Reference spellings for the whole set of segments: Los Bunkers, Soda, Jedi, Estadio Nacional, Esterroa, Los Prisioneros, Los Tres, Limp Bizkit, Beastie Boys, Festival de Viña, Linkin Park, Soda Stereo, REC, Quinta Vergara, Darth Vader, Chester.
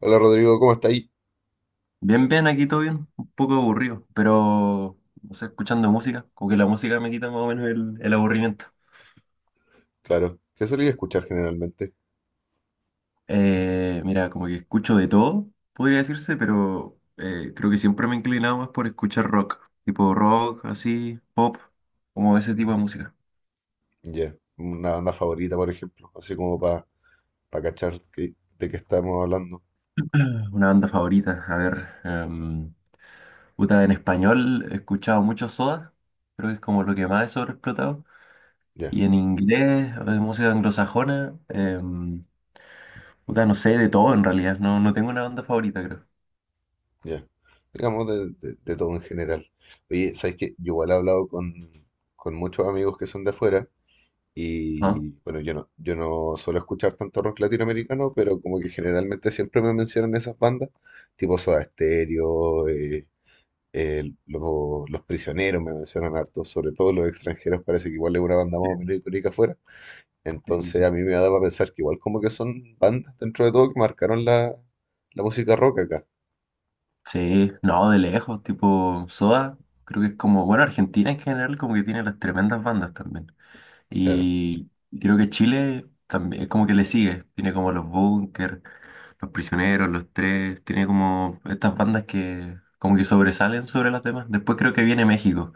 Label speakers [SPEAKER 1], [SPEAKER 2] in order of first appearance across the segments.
[SPEAKER 1] Hola Rodrigo, ¿cómo está ahí?
[SPEAKER 2] Bien, bien, aquí todo bien, un poco aburrido, pero no sé, escuchando música, como que la música me quita más o menos el aburrimiento.
[SPEAKER 1] Claro, ¿qué solía escuchar generalmente?
[SPEAKER 2] Mira, como que escucho de todo, podría decirse, pero creo que siempre me he inclinado más por escuchar rock, tipo rock, así, pop, como ese tipo de música.
[SPEAKER 1] Ya, una banda favorita, por ejemplo, así como para cachar de qué estamos hablando.
[SPEAKER 2] Una banda favorita, a ver, puta, en español he escuchado mucho Soda, creo que es como lo que más he sobreexplotado,
[SPEAKER 1] Ya,
[SPEAKER 2] y en inglés, música anglosajona. Puta, no sé, de todo en realidad. No, no tengo una banda favorita, creo.
[SPEAKER 1] ya. Digamos de todo en general. Oye, ¿sabes qué? Yo igual he hablado con muchos amigos que son de afuera
[SPEAKER 2] Ajá.
[SPEAKER 1] y bueno, yo no suelo escuchar tanto rock latinoamericano, pero como que generalmente siempre me mencionan esas bandas, tipo Soda Stereo, los prisioneros me mencionan harto, sobre todo los extranjeros, parece que igual es una banda más
[SPEAKER 2] Sí,
[SPEAKER 1] o menos icónica afuera.
[SPEAKER 2] sí, sí.
[SPEAKER 1] Entonces a mí me da para pensar que igual como que son bandas dentro de todo que marcaron la música rock acá.
[SPEAKER 2] Sí, no, de lejos, tipo Soda, creo que es como, bueno, Argentina en general como que tiene las tremendas bandas también.
[SPEAKER 1] Claro,
[SPEAKER 2] Y creo que Chile también es como que le sigue, tiene como Los Bunkers, Los Prisioneros, Los Tres, tiene como estas bandas que como que sobresalen sobre las demás. Después creo que viene México,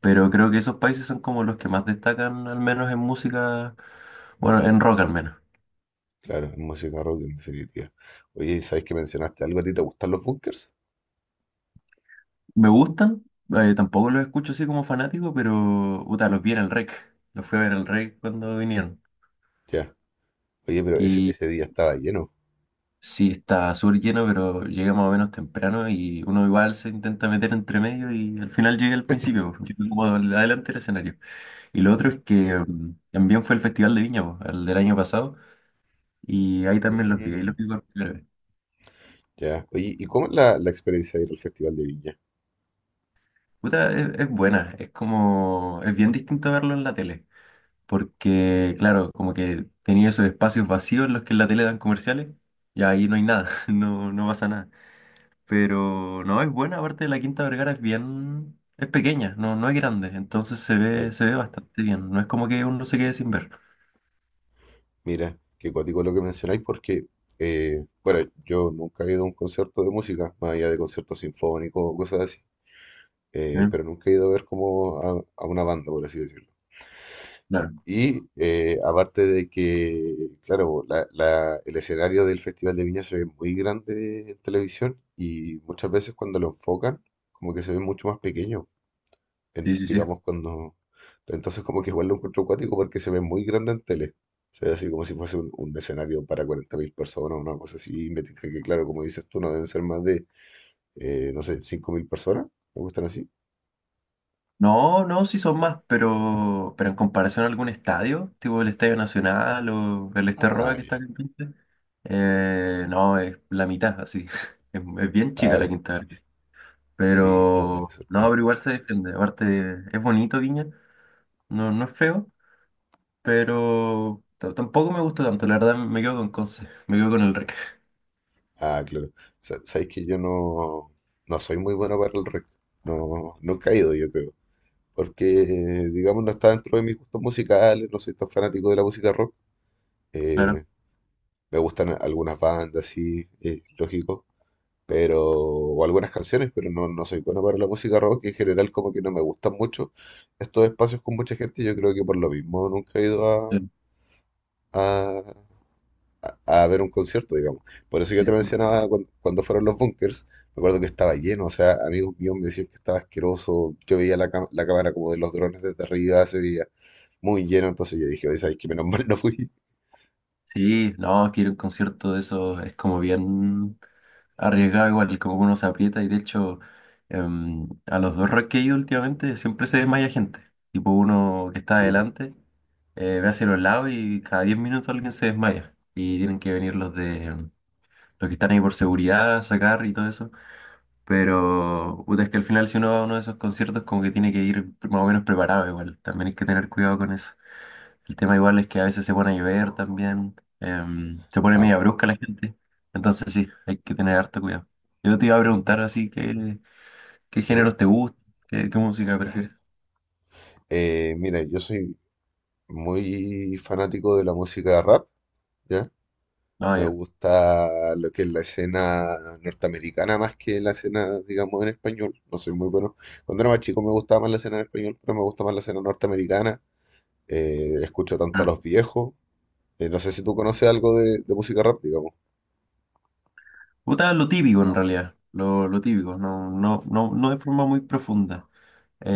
[SPEAKER 2] pero creo que esos países son como los que más destacan, al menos en música, bueno, en rock al menos.
[SPEAKER 1] claro, es música rock en definitiva. Oye, ¿sabes que mencionaste algo? ¿A ti te gustan los bunkers?
[SPEAKER 2] Me gustan, tampoco los escucho así como fanático, pero puta, los vi en el REC. Los fui a ver el REC cuando vinieron.
[SPEAKER 1] Ya. Oye, pero
[SPEAKER 2] Y
[SPEAKER 1] ese día estaba lleno.
[SPEAKER 2] sí, está súper lleno, pero llegué más o menos temprano y uno igual se intenta meter entre medio y al final llega al principio, porque llega como adelante del escenario. Y lo otro
[SPEAKER 1] Ya.
[SPEAKER 2] es que también fue el Festival de Viña, po, el del año pasado, y ahí también los vi, ahí los
[SPEAKER 1] Mm,
[SPEAKER 2] vi por primera vez.
[SPEAKER 1] ya. Oye, ¿y cómo es la experiencia de ir al Festival de Viña?
[SPEAKER 2] Puta, es buena, es como, es bien distinto verlo en la tele. Porque claro, como que tenía esos espacios vacíos en los que en la tele dan comerciales, y ahí no hay nada, no, no pasa nada. Pero no, es buena, aparte la Quinta Vergara es bien, es pequeña, no, no es grande, entonces
[SPEAKER 1] Claro.
[SPEAKER 2] se ve bastante bien, no es como que uno se quede sin ver.
[SPEAKER 1] Mira, qué cuático lo que mencionáis porque, bueno, yo nunca he ido a un concierto de música, más allá de conciertos sinfónicos o cosas así,
[SPEAKER 2] Mm,
[SPEAKER 1] pero nunca he ido a ver como a una banda, por así decirlo.
[SPEAKER 2] claro,
[SPEAKER 1] Y aparte de que, claro, el escenario del Festival de Viña se ve muy grande en televisión y muchas veces cuando lo enfocan, como que se ve mucho más pequeño
[SPEAKER 2] sí, sí, sí.
[SPEAKER 1] digamos, cuando... Entonces como que igual lo encuentro acuático porque se ve muy grande en tele. Se ve así como si fuese un escenario para 40.000 personas, una cosa así. Y me tinca que, claro, como dices tú, no deben ser más de, no sé, 5.000 personas. ¿Me gustan así?
[SPEAKER 2] No, no, sí son más, pero en comparación a algún estadio, tipo el Estadio Nacional o el Esterroa
[SPEAKER 1] Ah,
[SPEAKER 2] que está
[SPEAKER 1] ya,
[SPEAKER 2] acá en Conce, no, es la mitad, así. Es bien chica la
[SPEAKER 1] claro.
[SPEAKER 2] Quinta.
[SPEAKER 1] Sí, sí, no debe
[SPEAKER 2] Pero
[SPEAKER 1] ser
[SPEAKER 2] no, pero
[SPEAKER 1] tanto.
[SPEAKER 2] igual se defiende. Aparte, es bonito Viña, no, no es feo, pero tampoco me gustó tanto. La verdad, me quedo con Conce, me quedo con el Rec.
[SPEAKER 1] Ah, claro. Sabes que yo no, no soy muy bueno para el rock. No he caído, yo creo. Porque, digamos, no está dentro de mis gustos musicales, no soy tan fanático de la música rock. Eh,
[SPEAKER 2] Claro.
[SPEAKER 1] Me gustan algunas bandas, sí, lógico, pero, o algunas canciones, pero no soy bueno para la música rock. En general, como que no me gustan mucho estos espacios con mucha gente. Yo creo que por lo mismo nunca he ido
[SPEAKER 2] Sí,
[SPEAKER 1] a, a ver un concierto, digamos. Por eso yo te
[SPEAKER 2] sí, sí.
[SPEAKER 1] mencionaba cuando fueron los bunkers. Me acuerdo que estaba lleno, o sea, amigos míos me decían que estaba asqueroso. Yo veía la cámara como de los drones desde arriba, se veía muy lleno. Entonces yo dije, oye, ¿sabes qué? Menos mal no fui.
[SPEAKER 2] Sí, no, quiero un concierto de eso es como bien arriesgado, igual, como que uno se aprieta y de hecho, a los dos rock que he ido últimamente siempre se desmaya gente. Tipo uno que está
[SPEAKER 1] Sí, po.
[SPEAKER 2] adelante, ve hacia los lados y cada 10 minutos alguien se desmaya. Y tienen que venir los de. Los que están ahí por seguridad, sacar y todo eso. Pero puta, es que al final si uno va a uno de esos conciertos como que tiene que ir más o menos preparado igual. También hay que tener cuidado con eso. El tema igual es que a veces se pone a llover también. Se pone
[SPEAKER 1] Ah,
[SPEAKER 2] media
[SPEAKER 1] también.
[SPEAKER 2] brusca la gente. Entonces sí, hay que tener harto cuidado. Yo te iba a
[SPEAKER 1] Eh,
[SPEAKER 2] preguntar así qué qué
[SPEAKER 1] dime.
[SPEAKER 2] géneros te gustan, qué música prefieres.
[SPEAKER 1] Mira, yo soy muy fanático de la música rap, ¿ya?
[SPEAKER 2] No,
[SPEAKER 1] Me
[SPEAKER 2] yo
[SPEAKER 1] gusta lo que es la escena norteamericana más que la escena, digamos, en español. No soy muy bueno. Cuando era más chico me gustaba más la escena en español, pero me gusta más la escena norteamericana. Escucho tanto a los viejos. No sé si tú conoces algo de música rap, digamos.
[SPEAKER 2] puta, lo típico en realidad, lo típico, no, no, no, no de forma muy profunda.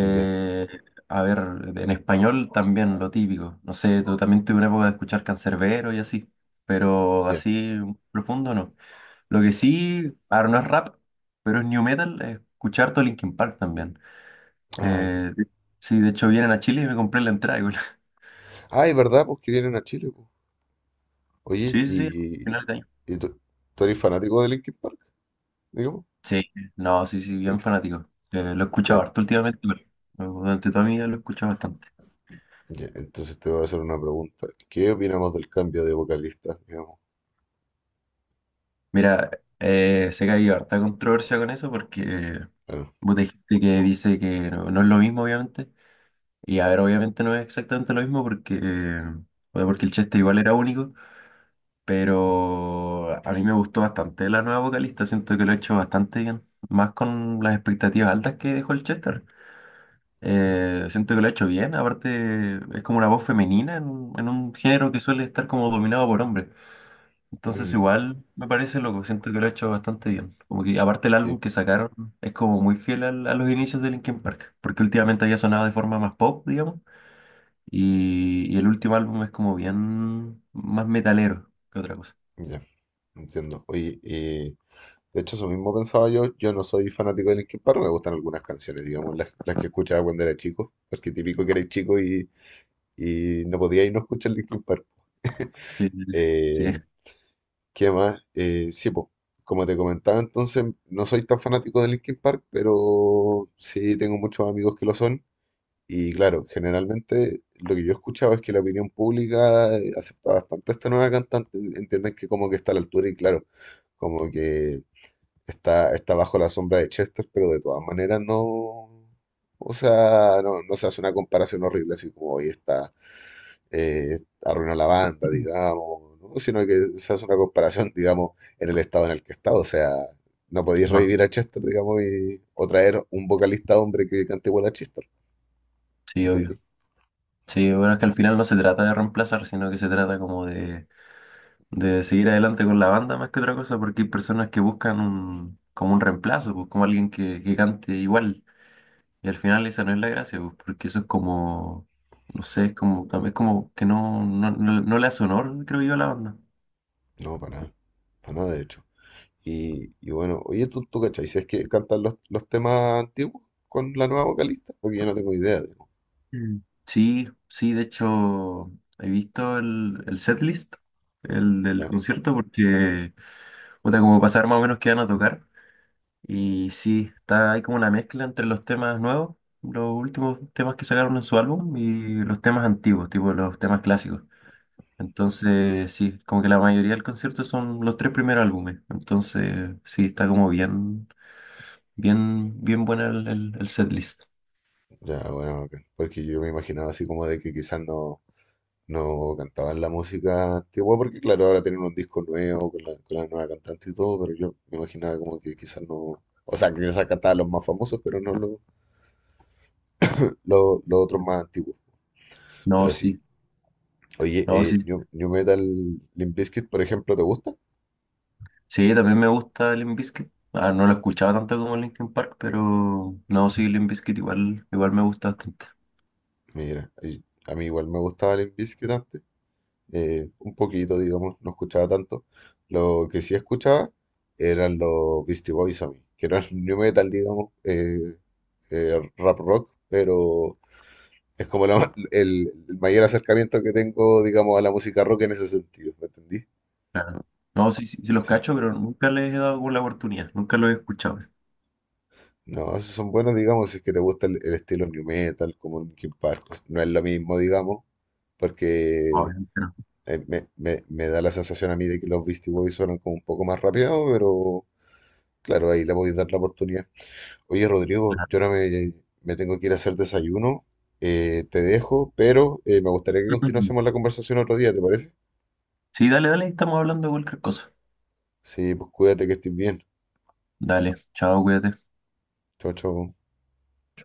[SPEAKER 1] Ya,
[SPEAKER 2] a ver, en español también lo típico. No sé, tú también tuve una época de escuchar cancerbero y así, pero
[SPEAKER 1] ya.
[SPEAKER 2] así profundo no. Lo que sí, ahora no es rap, pero es new metal, es escuchar todo Linkin Park también.
[SPEAKER 1] Ah, ya.
[SPEAKER 2] Eh, sí, de hecho vienen a Chile y me compré la entrada igual.
[SPEAKER 1] Ah, es verdad, pues que vienen a Chile, pues. Oye,
[SPEAKER 2] Sí, sí, sí, final de año.
[SPEAKER 1] ¿y tú eres fanático de Linkin Park, digamos?
[SPEAKER 2] Sí, no, sí, sí, bien
[SPEAKER 1] Bueno,
[SPEAKER 2] fanático. Lo he escuchado
[SPEAKER 1] ya.
[SPEAKER 2] harto últimamente, pero durante toda mi vida lo he escuchado bastante.
[SPEAKER 1] Ya, entonces te voy a hacer una pregunta. ¿Qué opinamos del cambio de vocalista, digamos?
[SPEAKER 2] Mira, sé que hay harta controversia con eso porque
[SPEAKER 1] Claro.
[SPEAKER 2] vos gente que dice que no, no es lo mismo, obviamente. Y a ver, obviamente no es exactamente lo mismo porque, bueno, porque el Chester igual era único, pero a mí me gustó bastante la nueva vocalista, siento que lo he hecho bastante bien, más con las expectativas altas que dejó el Chester. Siento que lo ha hecho bien, aparte es como una voz femenina en un género que suele estar como dominado por hombres. Entonces
[SPEAKER 1] Mm,
[SPEAKER 2] igual me parece loco, siento que lo ha hecho bastante bien. Como que aparte el álbum
[SPEAKER 1] sí,
[SPEAKER 2] que sacaron es como muy fiel a los inicios de Linkin Park, porque últimamente había sonado de forma más pop, digamos, y el último álbum es como bien más metalero que otra cosa.
[SPEAKER 1] ya, entiendo. Oye, de hecho eso mismo pensaba yo. Yo no soy fanático de Linkin Park, me gustan algunas canciones, digamos, las que escuchaba cuando era chico, porque típico que eres chico y no podía ir no escuchar Linkin Park.
[SPEAKER 2] Sí, sí,
[SPEAKER 1] Eh, ¿Qué más? Sí, pues, como te comentaba, entonces no soy tan fanático de Linkin Park, pero sí tengo muchos amigos que lo son. Y claro, generalmente lo que yo escuchaba es que la opinión pública acepta bastante a esta nueva cantante, entienden que como que está a la altura y claro, como que está, está bajo la sombra de Chester, pero de todas maneras no, o sea, no, no se hace una comparación horrible así como hoy está, eh, arruinó la banda, digamos, ¿no? Sino que se hace una comparación, digamos, en el estado en el que está, o sea, no podéis
[SPEAKER 2] ajá,
[SPEAKER 1] revivir a Chester, digamos, y, o traer un vocalista hombre que cante igual a Chester,
[SPEAKER 2] sí, obvio.
[SPEAKER 1] ¿entendí?
[SPEAKER 2] Sí, bueno, es que al final no se trata de reemplazar, sino que se trata como de seguir adelante con la banda más que otra cosa, porque hay personas que buscan un, como un reemplazo, pues como alguien que cante igual. Y al final esa no es la gracia, pues, porque eso es como, no sé, es como, también es como que no, no, no, no le hace honor, creo yo, a la banda.
[SPEAKER 1] No, para nada. Para nada, de hecho. Y bueno, oye, ¿tú cachai? Si es que cantan los temas antiguos con la nueva vocalista, porque yo no tengo idea, digo.
[SPEAKER 2] Mm. Sí, sí, de hecho, he visto el setlist, el del
[SPEAKER 1] Ya,
[SPEAKER 2] concierto, porque, puta, como pasar más o menos qué van a tocar. Y sí, está ahí como una mezcla entre los temas nuevos, los últimos temas que sacaron en su álbum y los temas antiguos, tipo los temas clásicos. Entonces, sí, como que la mayoría del concierto son los tres primeros álbumes. Entonces, sí, está como bien, bien, bien buena el setlist.
[SPEAKER 1] ya, bueno, ok. Porque yo me imaginaba así como de que quizás no, no cantaban la música antigua, porque claro, ahora tienen un disco nuevo con con la nueva cantante y todo, pero yo me imaginaba como que quizás no. O sea, que quizás cantaban los más famosos, pero no los otros más antiguos.
[SPEAKER 2] No,
[SPEAKER 1] Pero sí.
[SPEAKER 2] sí,
[SPEAKER 1] Oye,
[SPEAKER 2] no, sí.
[SPEAKER 1] New Metal, Limp Bizkit, por ejemplo, ¿te gusta?
[SPEAKER 2] Sí, también me gusta Limp Bizkit. Ah, no lo escuchaba tanto como Linkin Park, pero no, sí, Limp Bizkit igual, igual me gusta bastante.
[SPEAKER 1] Mira, y a mí igual me gustaba Limp Bizkit antes, un poquito, digamos, no escuchaba tanto. Lo que sí escuchaba eran los Beastie Boys a mí, que eran new metal, digamos, rap rock, pero es como el mayor acercamiento que tengo, digamos, a la música rock en ese sentido, ¿me entendí?
[SPEAKER 2] Claro. No, sí, sí, sí los
[SPEAKER 1] Sí.
[SPEAKER 2] cacho, pero nunca les he dado la oportunidad, nunca los he escuchado.
[SPEAKER 1] No, esos son buenos, digamos, si es que te gusta el estilo new metal, como Linkin Park. No es lo mismo, digamos,
[SPEAKER 2] No,
[SPEAKER 1] porque
[SPEAKER 2] obviamente no.
[SPEAKER 1] me da la sensación a mí de que los Beastie Boys suenan como un poco más rapeados, pero claro, ahí le voy a dar la oportunidad. Oye, Rodrigo,
[SPEAKER 2] Claro.
[SPEAKER 1] yo ahora me tengo que ir a hacer desayuno, te dejo, pero me gustaría que continuásemos la conversación otro día, ¿te parece?
[SPEAKER 2] Sí, dale, dale, estamos hablando de cualquier cosa.
[SPEAKER 1] Sí, pues cuídate que estés bien.
[SPEAKER 2] Dale, chao, cuídate.
[SPEAKER 1] Chao, chao.